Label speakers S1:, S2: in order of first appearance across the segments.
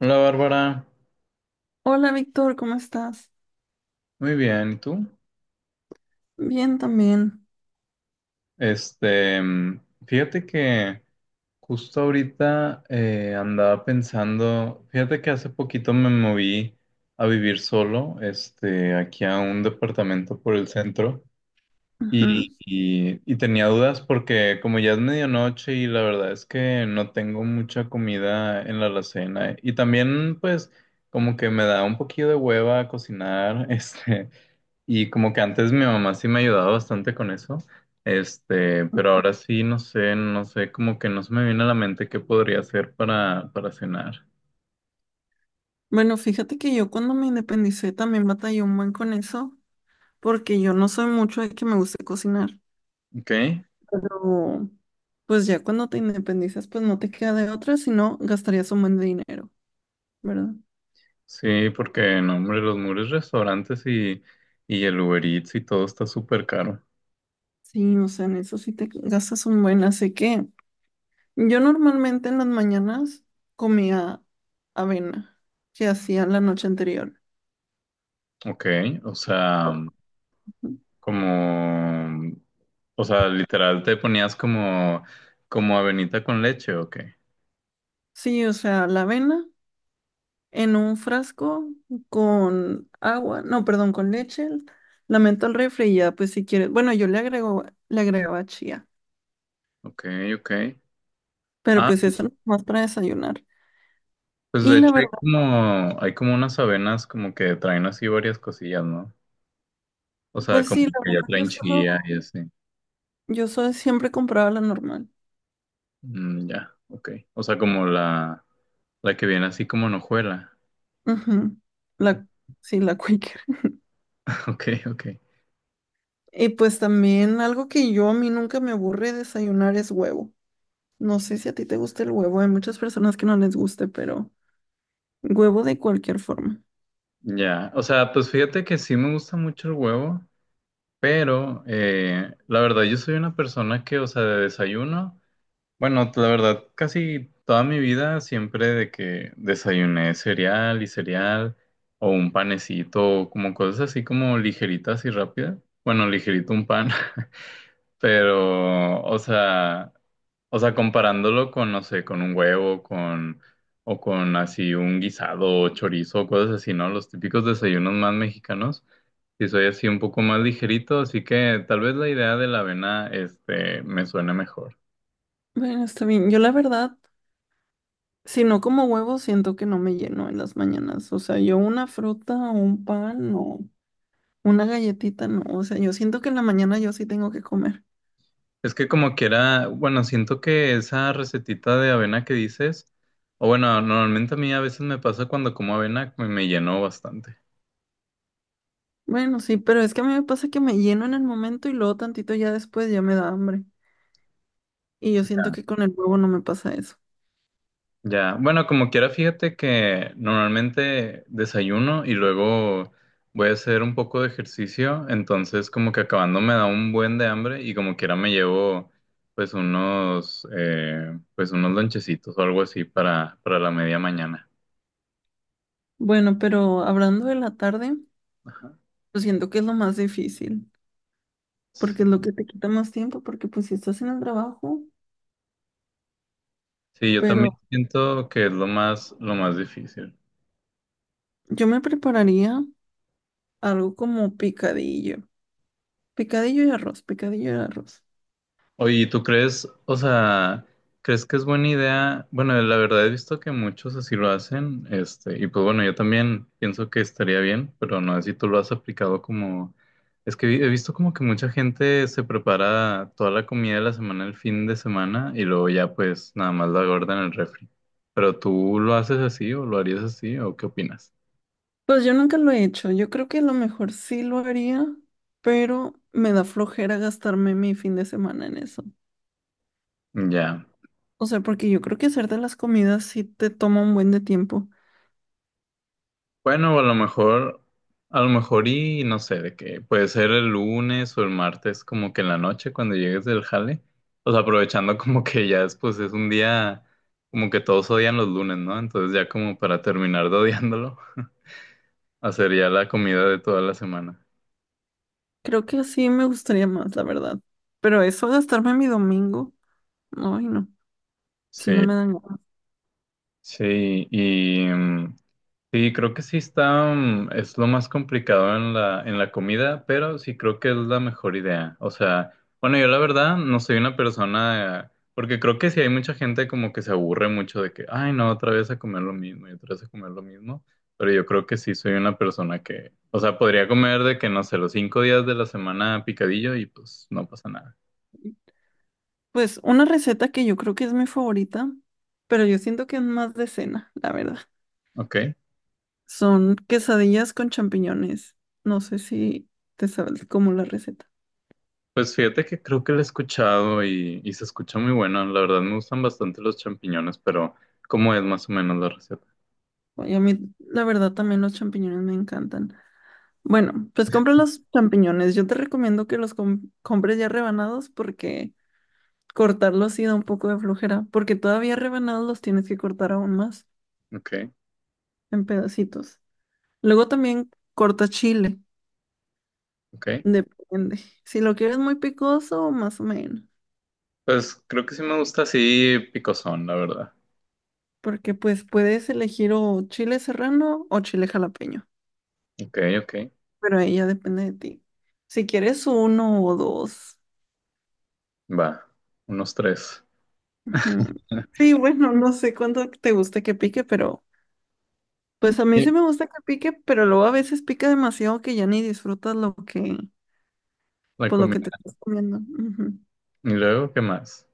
S1: Hola Bárbara,
S2: Hola Víctor, ¿cómo estás?
S1: muy bien, ¿y tú?
S2: Bien también.
S1: Este, mm, fíjate que justo ahorita andaba pensando, fíjate que hace poquito me moví a vivir solo, este, aquí a un departamento por el centro y,
S2: Ujú.
S1: y- y tenía dudas porque como ya es medianoche y la verdad es que no tengo mucha comida en la alacena y también pues como que me da un poquito de hueva cocinar, este. Y como que antes mi mamá sí me ayudaba bastante con eso, este, pero ahora sí no sé, como que no se me viene a la mente qué podría hacer para cenar.
S2: Bueno, fíjate que yo cuando me independicé también batallé un buen con eso, porque yo no soy mucho de que me guste cocinar,
S1: ¿Ok?
S2: pero pues ya cuando te independizas, pues no te queda de otra, sino gastarías un buen de dinero, ¿verdad?
S1: Sí, porque no, hombre, los muros restaurantes y el Uber Eats y todo está súper caro.
S2: Sí, o sea, en eso sí te gastas un buen, así que yo normalmente en las mañanas comía avena que hacía la noche anterior.
S1: Ok, o sea,
S2: Ujú.
S1: como, o sea, literal te ponías como, como avenita con leche, ok,
S2: Sí, o sea, la avena en un frasco con agua, no, perdón, con leche, la meto al refri y ya, pues si quieres, bueno, yo le agrego, le agregaba chía,
S1: ok, ok.
S2: pero pues eso no es más para desayunar.
S1: Pues
S2: Y
S1: de
S2: la
S1: hecho
S2: verdad,
S1: hay como unas avenas como que traen así varias cosillas, ¿no? O sea,
S2: pues
S1: como
S2: sí, la
S1: que ya
S2: verdad, yo
S1: traen
S2: solo,
S1: chía y así.
S2: yo solo siempre compraba la normal.
S1: Mm, ya, ok. O sea, como la que viene así como en hojuela.
S2: Ujú. La, sí, la Quaker.
S1: Ok, ok.
S2: Y pues también algo que yo a mí nunca me aburre desayunar es huevo. No sé si a ti te gusta el huevo, hay muchas personas que no les guste, pero huevo de cualquier forma.
S1: Ya, o sea, pues fíjate que sí me gusta mucho el huevo, pero la verdad yo soy una persona que, o sea, de desayuno. Bueno, la verdad, casi toda mi vida siempre de que desayuné cereal y cereal o un panecito, como cosas así como ligeritas y rápidas. Bueno, ligerito un pan, pero, o sea, comparándolo con, no sé, con un huevo, con, o con así un guisado o chorizo, o cosas así, ¿no? Los típicos desayunos más mexicanos. Sí, soy así un poco más ligerito, así que tal vez la idea de la avena, este, me suene mejor.
S2: Bueno, está bien. Yo la verdad, si no como huevo, siento que no me lleno en las mañanas. O sea, yo una fruta o un pan o una galletita, no. O sea, yo siento que en la mañana yo sí tengo que comer.
S1: Es que como quiera, bueno, siento que esa recetita de avena que dices, o bueno, normalmente a mí a veces me pasa cuando como avena, me llenó bastante.
S2: Bueno, sí, pero es que a mí me pasa que me lleno en el momento y luego tantito ya después ya me da hambre. Y yo
S1: Ya.
S2: siento que con el huevo no me pasa eso.
S1: Ya, bueno, como quiera, fíjate que normalmente desayuno y luego voy a hacer un poco de ejercicio, entonces como que acabando me da un buen de hambre y como quiera me llevo pues unos lonchecitos o algo así para la media mañana.
S2: Bueno, pero hablando de la tarde, pues siento que es lo más difícil, porque es lo
S1: Sí,
S2: que te quita más tiempo, porque pues si estás en el trabajo,
S1: sí, yo también
S2: pero
S1: siento que es lo más difícil.
S2: yo me prepararía algo como picadillo. Picadillo y arroz, picadillo y arroz.
S1: Oye, ¿tú crees, o sea, ¿crees que es buena idea? Bueno, la verdad he visto que muchos así lo hacen, este, y pues bueno, yo también pienso que estaría bien, pero no sé si tú lo has aplicado como, es que he visto como que mucha gente se prepara toda la comida de la semana el fin de semana y luego ya pues nada más la guarda en el refri. ¿Pero tú lo haces así o lo harías así o qué opinas?
S2: Pues yo nunca lo he hecho. Yo creo que a lo mejor sí lo haría, pero me da flojera gastarme mi fin de semana en eso.
S1: Ya.
S2: O sea, porque yo creo que hacer de las comidas sí te toma un buen de tiempo.
S1: Bueno, a lo mejor y no sé, de que puede ser el lunes o el martes, como que en la noche cuando llegues del jale, o sea, aprovechando como que ya es, pues es un día como que todos odian los lunes, ¿no? Entonces ya como para terminar de odiándolo, hacer ya la comida de toda la semana.
S2: Creo que así me gustaría más, la verdad. Pero eso, gastarme mi domingo, ay no, si no
S1: Sí,
S2: me dan ganas.
S1: sí, sí, creo que sí está, es lo más complicado en la comida, pero sí creo que es la mejor idea. O sea, bueno, yo la verdad no soy una persona, porque creo que sí hay mucha gente como que se aburre mucho de que, ay, no, otra vez a comer lo mismo y otra vez a comer lo mismo, pero yo creo que sí soy una persona que, o sea, podría comer de que, no sé, los 5 días de la semana picadillo y pues no pasa nada.
S2: Pues una receta que yo creo que es mi favorita, pero yo siento que es más de cena, la verdad.
S1: ¿Ok?
S2: Son quesadillas con champiñones. No sé si te sabes como la receta.
S1: Pues fíjate que creo que la he escuchado y se escucha muy buena. La verdad me gustan bastante los champiñones, pero ¿cómo es más o menos la receta?
S2: Oye, a mí, la verdad, también los champiñones me encantan. Bueno, pues compra los champiñones. Yo te recomiendo que compres ya rebanados, porque cortarlos sí da un poco de flojera, porque todavía rebanados los tienes que cortar aún más
S1: Ok,
S2: en pedacitos. Luego también corta chile,
S1: ok.
S2: depende. Si lo quieres muy picoso, más o menos,
S1: Pues creo que sí me gusta así picosón, la verdad.
S2: porque pues puedes elegir o chile serrano o chile jalapeño,
S1: Ok, ok.
S2: pero ahí ya depende de ti. Si quieres uno o dos.
S1: Va, unos tres.
S2: Ujú. Sí, bueno, no sé cuánto te gusta que pique, pero pues a mí
S1: Y
S2: sí me gusta que pique, pero luego a veces pica demasiado que ya ni disfrutas lo que,
S1: la
S2: pues lo que
S1: comida.
S2: te estás comiendo. Ujú.
S1: ¿Y luego qué más?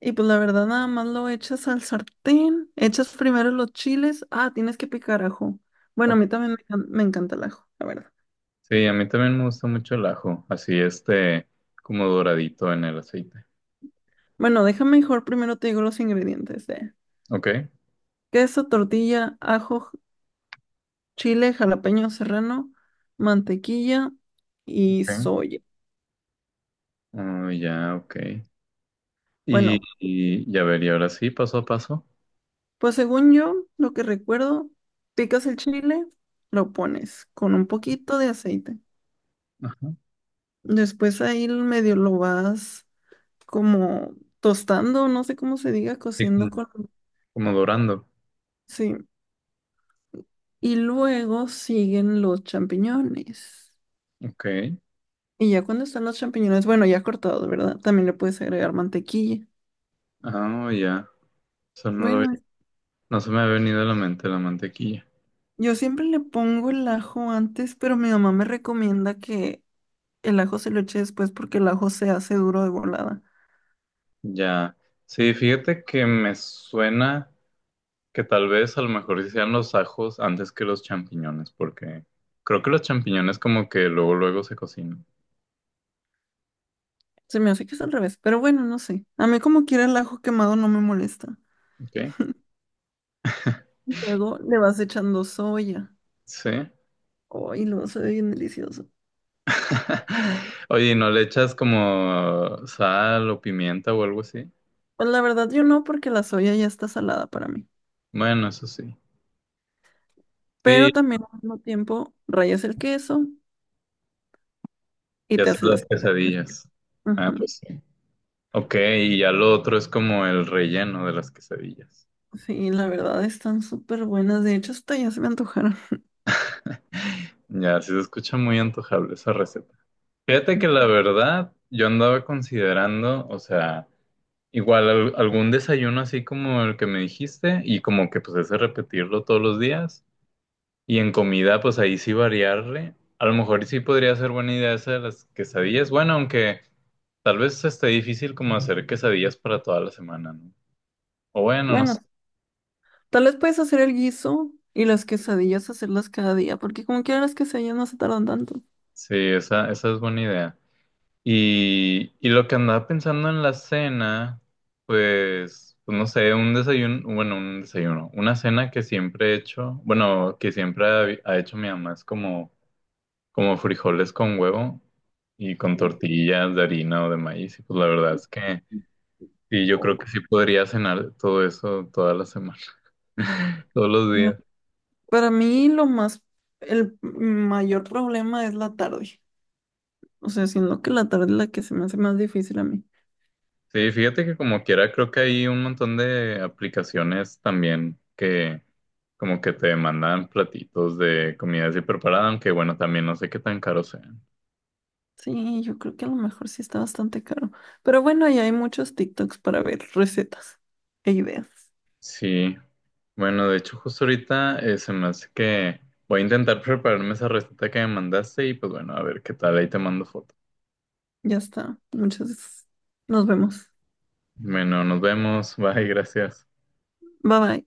S2: Y pues la verdad nada más lo echas al sartén, echas primero los chiles, ah, tienes que picar ajo. Bueno, a
S1: Ok.
S2: mí también me encanta el ajo, la verdad.
S1: Sí, a mí también me gusta mucho el ajo, así este como doradito en el aceite.
S2: Bueno, déjame mejor primero te digo los ingredientes: de
S1: Ok,
S2: queso, tortilla, ajo, chile, jalapeño serrano, mantequilla y
S1: ok.
S2: soya.
S1: Oh, ya, ok. Y,
S2: Bueno,
S1: y ya ver, y ahora sí, paso a paso.
S2: pues según yo, lo que recuerdo, picas el chile, lo pones con un poquito de aceite.
S1: Ajá.
S2: Después ahí medio lo vas como tostando, no sé cómo se diga,
S1: Sí,
S2: cociendo con...
S1: como dorando.
S2: Sí. Y luego siguen los champiñones.
S1: Ok.
S2: Y ya cuando están los champiñones, bueno, ya cortados, ¿verdad? También le puedes agregar mantequilla.
S1: Ah, ya. Eso no lo
S2: Bueno,
S1: vi. No se me ha venido a la mente la mantequilla.
S2: yo siempre le pongo el ajo antes, pero mi mamá me recomienda que el ajo se lo eche después porque el ajo se hace duro de volada.
S1: Ya. Sí, fíjate que me suena que tal vez a lo mejor sí sean los ajos antes que los champiñones, porque creo que los champiñones como que luego luego se cocinan.
S2: Se me hace que es al revés, pero bueno, no sé. A mí como quiera el ajo quemado no me molesta.
S1: Ok.
S2: Y luego le vas echando soya.
S1: Sí.
S2: Ay, lo hace bien delicioso.
S1: Oye, ¿no le echas como sal o pimienta o algo así?
S2: Pues la verdad yo no, porque la soya ya está salada para mí.
S1: Bueno, eso sí. Sí,
S2: Pero también al mismo tiempo rayas el queso y
S1: ya
S2: te
S1: haces
S2: haces las...
S1: las
S2: quesadillas.
S1: quesadillas. Ah,
S2: Ujú.
S1: pues sí. Ok, y ya lo otro es como el relleno de las quesadillas.
S2: Sí, la verdad están súper buenas. De hecho, hasta ya se me antojaron.
S1: Ya, sí se escucha muy antojable esa receta. Fíjate que la verdad, yo andaba considerando, o sea, igual algún desayuno así como el que me dijiste, y como que pues ese repetirlo todos los días, y en comida pues ahí sí variarle. A lo mejor sí podría ser buena idea esa de las quesadillas. Bueno, aunque tal vez esté difícil como hacer quesadillas para toda la semana, ¿no? O bueno, no
S2: Bueno,
S1: sé.
S2: tal vez puedes hacer el guiso y las quesadillas hacerlas cada día, porque como quiera las quesadillas no se tardan tanto.
S1: Sí, esa es buena idea. Y lo que andaba pensando en la cena, pues, pues no sé, un desayuno, bueno, un desayuno, una cena que siempre he hecho, bueno, que siempre ha hecho mi mamá es como, como frijoles con huevo y con tortillas de harina o de maíz. Y pues la verdad es que sí, yo creo
S2: Oh,
S1: que sí podría cenar todo eso toda la semana, todos los días.
S2: para mí lo más, el mayor problema es la tarde. O sea, siendo que la tarde es la que se me hace más difícil a mí.
S1: Sí, fíjate que como quiera, creo que hay un montón de aplicaciones también que como que te mandan platitos de comida así preparada, aunque bueno, también no sé qué tan caros sean.
S2: Sí, yo creo que a lo mejor sí está bastante caro. Pero bueno, ahí hay muchos TikToks para ver recetas e ideas.
S1: Sí, bueno, de hecho justo ahorita se me hace que voy a intentar prepararme esa receta que me mandaste y pues bueno, a ver qué tal, ahí te mando foto.
S2: Ya está. Muchas. Nos vemos.
S1: Bueno, nos vemos, bye, gracias.
S2: Bye bye.